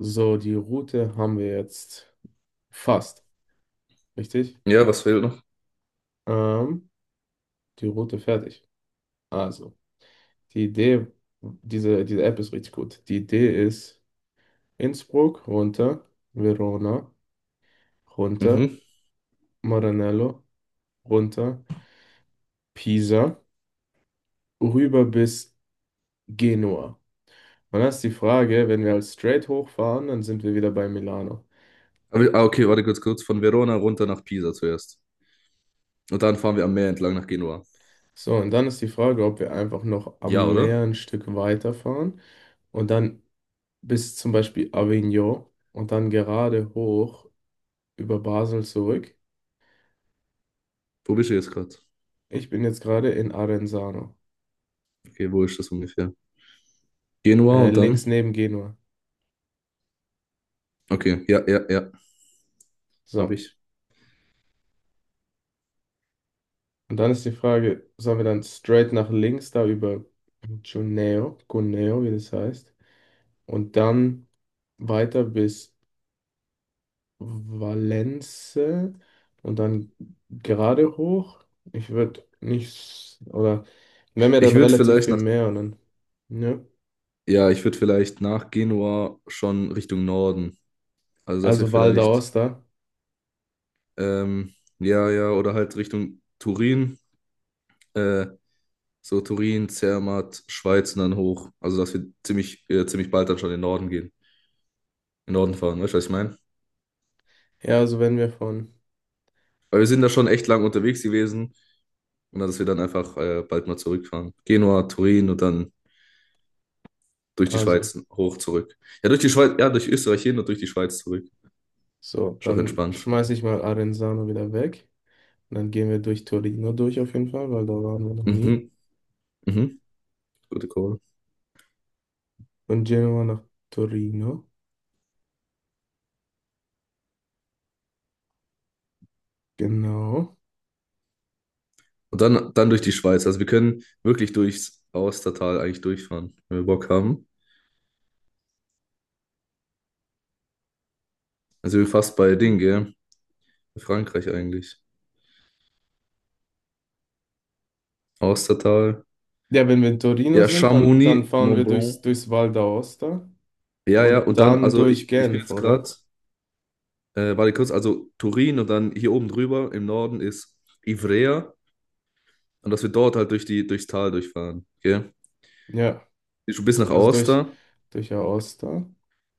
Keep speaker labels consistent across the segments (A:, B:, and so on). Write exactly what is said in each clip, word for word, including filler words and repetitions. A: So, die Route haben wir jetzt fast, richtig?
B: Ja, was fehlt noch?
A: Ähm, Die Route fertig. Also, die Idee, diese, diese App ist richtig gut. Die Idee ist Innsbruck runter, Verona runter,
B: Mhm.
A: Maranello runter, Pisa, rüber bis Genua. Und dann ist die Frage, wenn wir als straight hochfahren, dann sind wir wieder bei Milano.
B: Aber, wir- ah, okay, warte kurz, kurz. Von Verona runter nach Pisa zuerst. Und dann fahren wir am Meer entlang nach Genua.
A: So, und dann ist die Frage, ob wir einfach noch
B: Ja,
A: am
B: oder?
A: Meer ein Stück weiterfahren und dann bis zum Beispiel Avignon und dann gerade hoch über Basel zurück.
B: Wo bist du jetzt gerade?
A: Ich bin jetzt gerade in Arenzano,
B: Okay, wo ist das ungefähr? Genua
A: äh,
B: und
A: links
B: dann?
A: neben Genua.
B: Okay, ja, ja, ja,
A: So,
B: habe ich.
A: und dann ist die Frage, sollen wir dann straight nach links da über Cuneo, Cuneo, wie das heißt, und dann weiter bis Valence und dann gerade hoch? Ich würde nicht, oder wir haben ja
B: Ich
A: dann
B: würde
A: relativ
B: vielleicht
A: viel
B: nach,
A: mehr und dann, ne?
B: ja, ich würde vielleicht nach Genua schon Richtung Norden. Also, dass
A: Also
B: wir
A: Val
B: vielleicht,
A: d'Aosta.
B: ähm, ja, ja, oder halt Richtung Turin, äh, so Turin, Zermatt, Schweiz und dann hoch. Also, dass wir ziemlich, äh, ziemlich bald dann schon in den Norden gehen. In den Norden fahren, weißt du, was ich meine?
A: Ja, also wenn wir von,
B: Weil wir sind da schon echt lang unterwegs gewesen und dann, dass wir dann einfach äh, bald mal zurückfahren. Genua, Turin und dann durch die
A: also,
B: Schweiz hoch zurück. Ja, durch die Schweiz, ja, durch Österreich hin und durch die Schweiz zurück.
A: so,
B: Ist auch
A: dann
B: entspannt.
A: schmeiße ich mal Arenzano wieder weg. Und dann gehen wir durch Torino durch auf jeden Fall, weil da waren wir noch nie.
B: Mhm, mhm, gute Call.
A: Von Genua nach Torino. Genau.
B: Und dann, dann durch die Schweiz. Also wir können wirklich durchs Austertal eigentlich durchfahren, wenn wir Bock haben. Also wir fast bei Ding, gell? Frankreich eigentlich. Austertal.
A: Ja, wenn wir in Torino
B: Ja,
A: sind, dann, dann
B: Chamonix,
A: fahren
B: Mont
A: wir
B: Blanc.
A: durchs, durchs Val d'Aosta
B: Ja, ja,
A: und
B: und dann,
A: dann
B: also
A: durch
B: ich, ich bin
A: Genf,
B: jetzt gerade.
A: oder?
B: Äh, warte kurz, also Turin und dann hier oben drüber im Norden ist Ivrea und dass wir dort halt durch die, durchs Tal durchfahren. Okay?
A: Ja,
B: Schon bis nach
A: also durch,
B: Aosta
A: durch Aosta.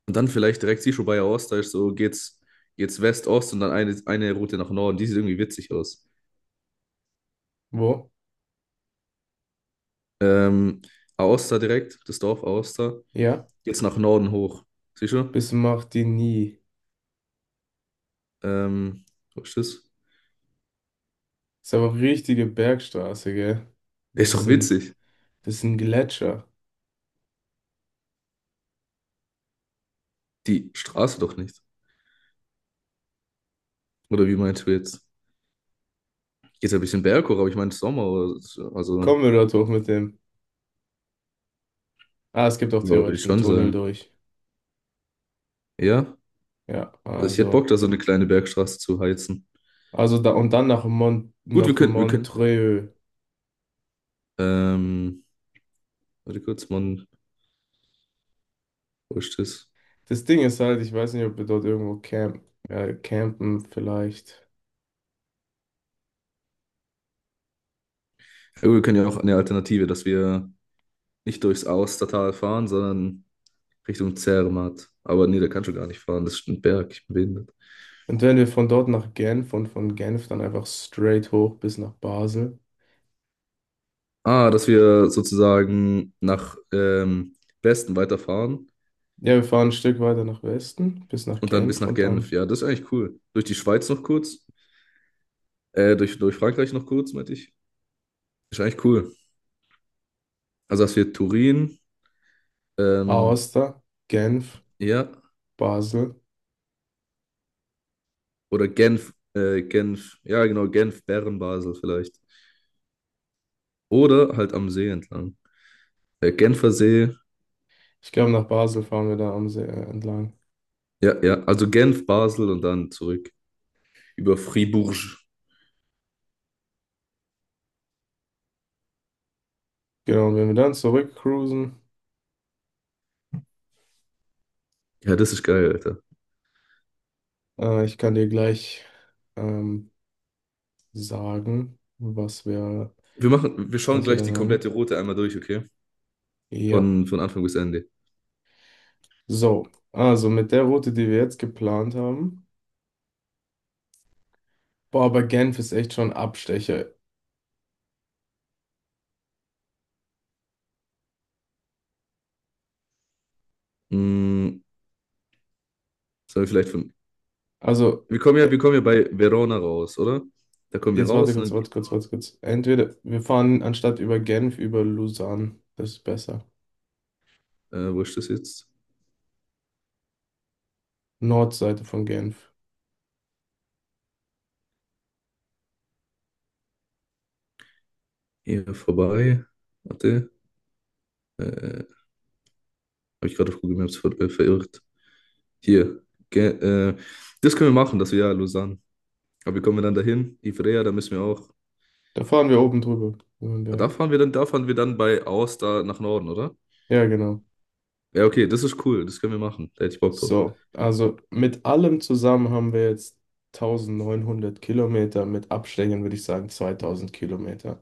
B: und dann vielleicht direkt siehst du bei Aosta ist so geht's, geht's West-Ost und dann eine, eine Route nach Norden. Die sieht irgendwie witzig aus.
A: Wo?
B: Ähm, Aosta direkt, das Dorf Aosta,
A: Ja,
B: geht's nach Norden hoch. Siehst du?
A: bis Martigny.
B: Ähm, wo ist das?
A: Ist aber richtige Bergstraße, gell? Das
B: Ist
A: ist
B: doch
A: ein,
B: witzig.
A: das ist ein Gletscher.
B: Die Straße doch nicht. Oder wie meinst du jetzt? Geht's ein bisschen berghoch, aber ich meine Sommer, oder so. Also
A: Kommen wir dort hoch mit dem. Ah, es gibt auch
B: ja, würde
A: theoretisch
B: ich
A: einen
B: schon
A: Tunnel
B: sagen.
A: durch.
B: Ja,
A: Ja,
B: also ich hätte
A: also.
B: Bock, da so eine kleine Bergstraße zu heizen.
A: Also da und dann nach Mont,
B: Gut, wir
A: nach
B: könnten, wir können.
A: Montreux.
B: Ähm, warte kurz, Mann, wo ist das?
A: Das Ding ist halt, ich weiß nicht, ob wir dort irgendwo camp, äh, campen vielleicht.
B: Ja, gut, wir können ja auch eine Alternative, dass wir nicht durchs Austertal fahren, sondern Richtung Zermatt. Aber nee, der kann schon gar nicht fahren, das ist ein Berg, ich bin behindert.
A: Und wenn wir von dort nach Genf und von Genf dann einfach straight hoch bis nach Basel.
B: Ah, dass wir sozusagen nach ähm, Westen weiterfahren
A: Ja, wir fahren ein Stück weiter nach Westen bis nach
B: und dann bis
A: Genf
B: nach
A: und
B: Genf.
A: dann
B: Ja, das ist eigentlich cool. Durch die Schweiz noch kurz, äh, durch, durch Frankreich noch kurz, meinte ich. Ist eigentlich cool. Also, dass wir Turin, ähm,
A: Aosta, Genf,
B: ja.
A: Basel.
B: Oder Genf, äh, Genf, ja genau, Genf, Bern, Basel vielleicht. Oder halt am See entlang. Äh, Genfer See,
A: Ich glaube, nach Basel fahren wir da am See äh, entlang.
B: ja, ja, also Genf, Basel und dann zurück über Fribourg.
A: Genau, und wenn wir dann zurückcruisen,
B: Ja, das ist geil, Alter.
A: äh, ich kann dir gleich ähm, sagen, was wir,
B: Wir machen, wir schauen
A: was wir
B: gleich
A: dann
B: die komplette
A: haben.
B: Route einmal durch, okay?
A: Ja,
B: Von, von Anfang bis Ende.
A: so. Also mit der Route, die wir jetzt geplant haben. Boah, aber Genf ist echt schon ein Abstecher.
B: Mm, sollen wir vielleicht von.
A: Also,
B: Wir kommen ja,
A: äh,
B: wir kommen ja bei Verona raus, oder? Da kommen wir
A: jetzt warte
B: raus
A: kurz,
B: und
A: warte kurz, warte kurz. Entweder wir fahren anstatt über Genf über Lausanne. Das ist besser.
B: dann. Äh, wo ist das jetzt?
A: Nordseite von Genf.
B: Eher vorbei. Warte. Äh, habe ich gerade auf Google Maps ver äh, verirrt. Hier. Ge äh, das können wir machen, das Jahr Lausanne. Aber wie kommen wir dann dahin? Ivrea, da müssen wir auch.
A: Da fahren wir oben drüber, über den
B: Ah, da
A: Berg.
B: fahren wir dann, da fahren wir dann bei Aosta da nach Norden, oder?
A: Ja, genau.
B: Ja, okay, das ist cool. Das können wir machen. Da hätte ich Bock drauf.
A: So, also mit allem zusammen haben wir jetzt neunzehnhundert Kilometer, mit Abständen würde ich sagen zweitausend Kilometer.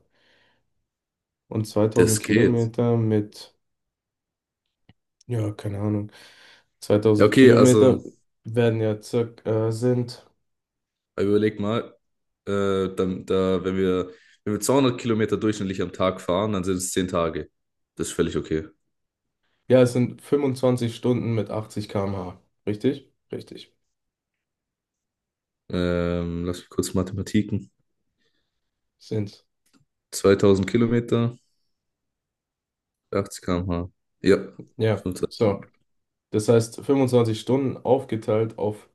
A: Und zweitausend
B: Das geht.
A: Kilometer mit, ja, keine Ahnung,
B: Ja,
A: zweitausend
B: okay,
A: Kilometer
B: also,
A: werden ja circa, äh, sind,
B: aber überleg mal, äh, dann, da, wenn wir, wenn wir zweihundert Kilometer durchschnittlich am Tag fahren, dann sind es zehn Tage. Das ist völlig okay.
A: ja, es sind fünfundzwanzig Stunden mit achtzig Kilometer pro Stunde. Richtig? Richtig.
B: Ähm, lass mich kurz Mathematiken.
A: Sind.
B: zweitausend Kilometer, achtzig Kilometer pro Stunde. Ja,
A: Ja,
B: fünfundzwanzig
A: so.
B: Stunden.
A: Das heißt, fünfundzwanzig Stunden aufgeteilt auf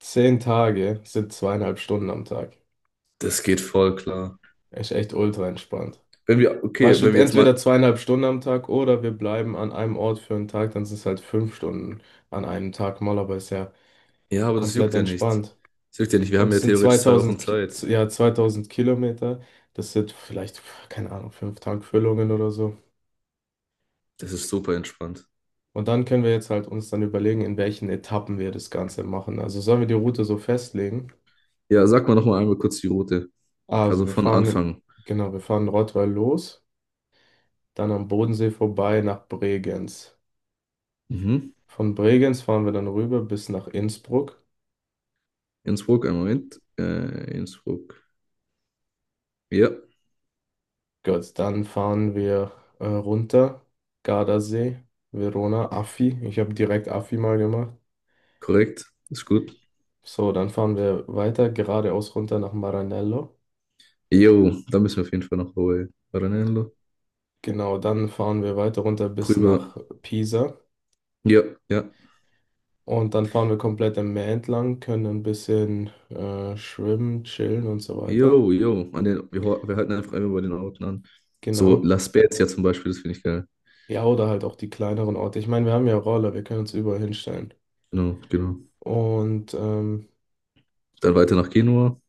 A: zehn Tage sind zweieinhalb Stunden am Tag.
B: Das geht voll klar.
A: Ist echt ultra entspannt.
B: Wenn wir, okay,
A: Weißt du,
B: wenn wir jetzt mal.
A: entweder zweieinhalb Stunden am Tag oder wir bleiben an einem Ort für einen Tag, dann sind es halt fünf Stunden an einem Tag mal, aber ist ja
B: Ja, aber das
A: komplett
B: juckt ja nicht.
A: entspannt.
B: Das juckt ja nicht. Wir
A: Und
B: haben
A: es
B: ja
A: sind
B: theoretisch zwei Wochen
A: zweitausend Ki- z-
B: Zeit.
A: ja, zweitausend Kilometer, das sind vielleicht, keine Ahnung, fünf Tankfüllungen oder so.
B: Das ist super entspannt.
A: Und dann können wir jetzt halt uns dann überlegen, in welchen Etappen wir das Ganze machen. Also sollen wir die Route so festlegen?
B: Ja, sag mal nochmal einmal kurz die Route.
A: Also
B: Also
A: wir
B: von
A: fahren, in,
B: Anfang.
A: genau, wir fahren in Rottweil los, dann am Bodensee vorbei nach Bregenz.
B: Mhm.
A: Von Bregenz fahren wir dann rüber bis nach Innsbruck.
B: Innsbruck, einen Moment. Äh, Innsbruck. Ja,
A: Gut, dann fahren wir äh, runter. Gardasee, Verona, Affi. Ich habe direkt Affi mal gemacht.
B: korrekt. Ist gut.
A: So, dann fahren wir weiter geradeaus runter nach Maranello.
B: Jo, da müssen wir auf jeden Fall noch Hawaii. Ranello.
A: Genau, dann fahren wir weiter runter bis
B: Rüber.
A: nach Pisa.
B: Ja, ja.
A: Und dann fahren wir komplett am Meer entlang, können ein bisschen äh, schwimmen, chillen und so weiter.
B: Jo, jo. An den, wir, ho- wir halten einfach immer bei den Orten an. So
A: Genau.
B: La Spezia zum Beispiel, das finde ich geil.
A: Ja, oder halt auch die kleineren Orte. Ich meine, wir haben ja Roller, wir können uns überall hinstellen.
B: Genau, genau.
A: Und ähm,
B: Dann weiter nach Genua.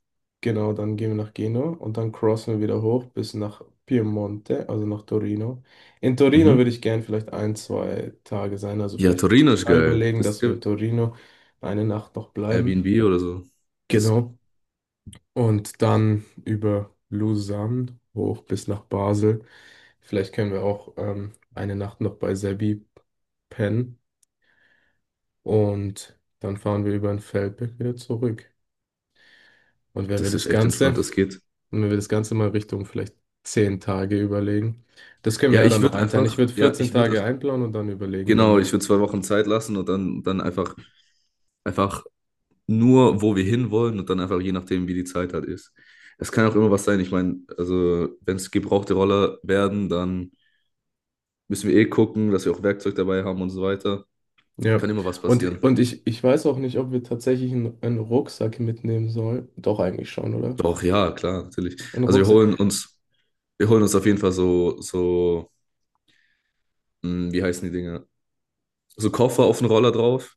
A: genau, dann gehen wir nach Genua und dann crossen wir wieder hoch bis nach Piemonte, also nach Torino. In Torino würde
B: Mhm.
A: ich gern vielleicht ein, zwei Tage sein, also
B: Ja,
A: vielleicht
B: Torino ist geil.
A: überlegen,
B: Das ist
A: dass wir in
B: ge-
A: Torino eine Nacht noch bleiben.
B: Airbnb oder so. Das,
A: Genau. Und dann über Lausanne hoch bis nach Basel. Vielleicht können wir auch ähm, eine Nacht noch bei Sebi pennen und dann fahren wir über den Feldberg wieder zurück. Und wenn wir
B: das
A: das
B: ist echt
A: Ganze
B: entspannt, das geht.
A: Und wenn wir das Ganze mal Richtung vielleicht zehn Tage überlegen. Das können wir
B: Ja,
A: ja
B: ich
A: dann noch
B: würde
A: einteilen. Ich
B: einfach,
A: würde
B: ja,
A: vierzehn
B: ich würde,
A: Tage einplanen und dann überlegen wir
B: genau,
A: mal.
B: ich würde zwei Wochen Zeit lassen und dann, dann einfach, einfach nur, wo wir hinwollen und dann einfach je nachdem, wie die Zeit halt ist. Es kann auch immer was sein. Ich meine, also, wenn es gebrauchte Roller werden, dann müssen wir eh gucken, dass wir auch Werkzeug dabei haben und so weiter.
A: Ja.
B: Kann immer was
A: Und,
B: passieren.
A: und ich, ich weiß auch nicht, ob wir tatsächlich einen, einen Rucksack mitnehmen sollen. Doch, eigentlich schon, oder?
B: Doch, ja, klar, natürlich.
A: Einen
B: Also wir
A: Rucksack.
B: holen uns, wir holen uns auf jeden Fall so, so, hm, wie heißen die Dinger? So Koffer auf den Roller drauf.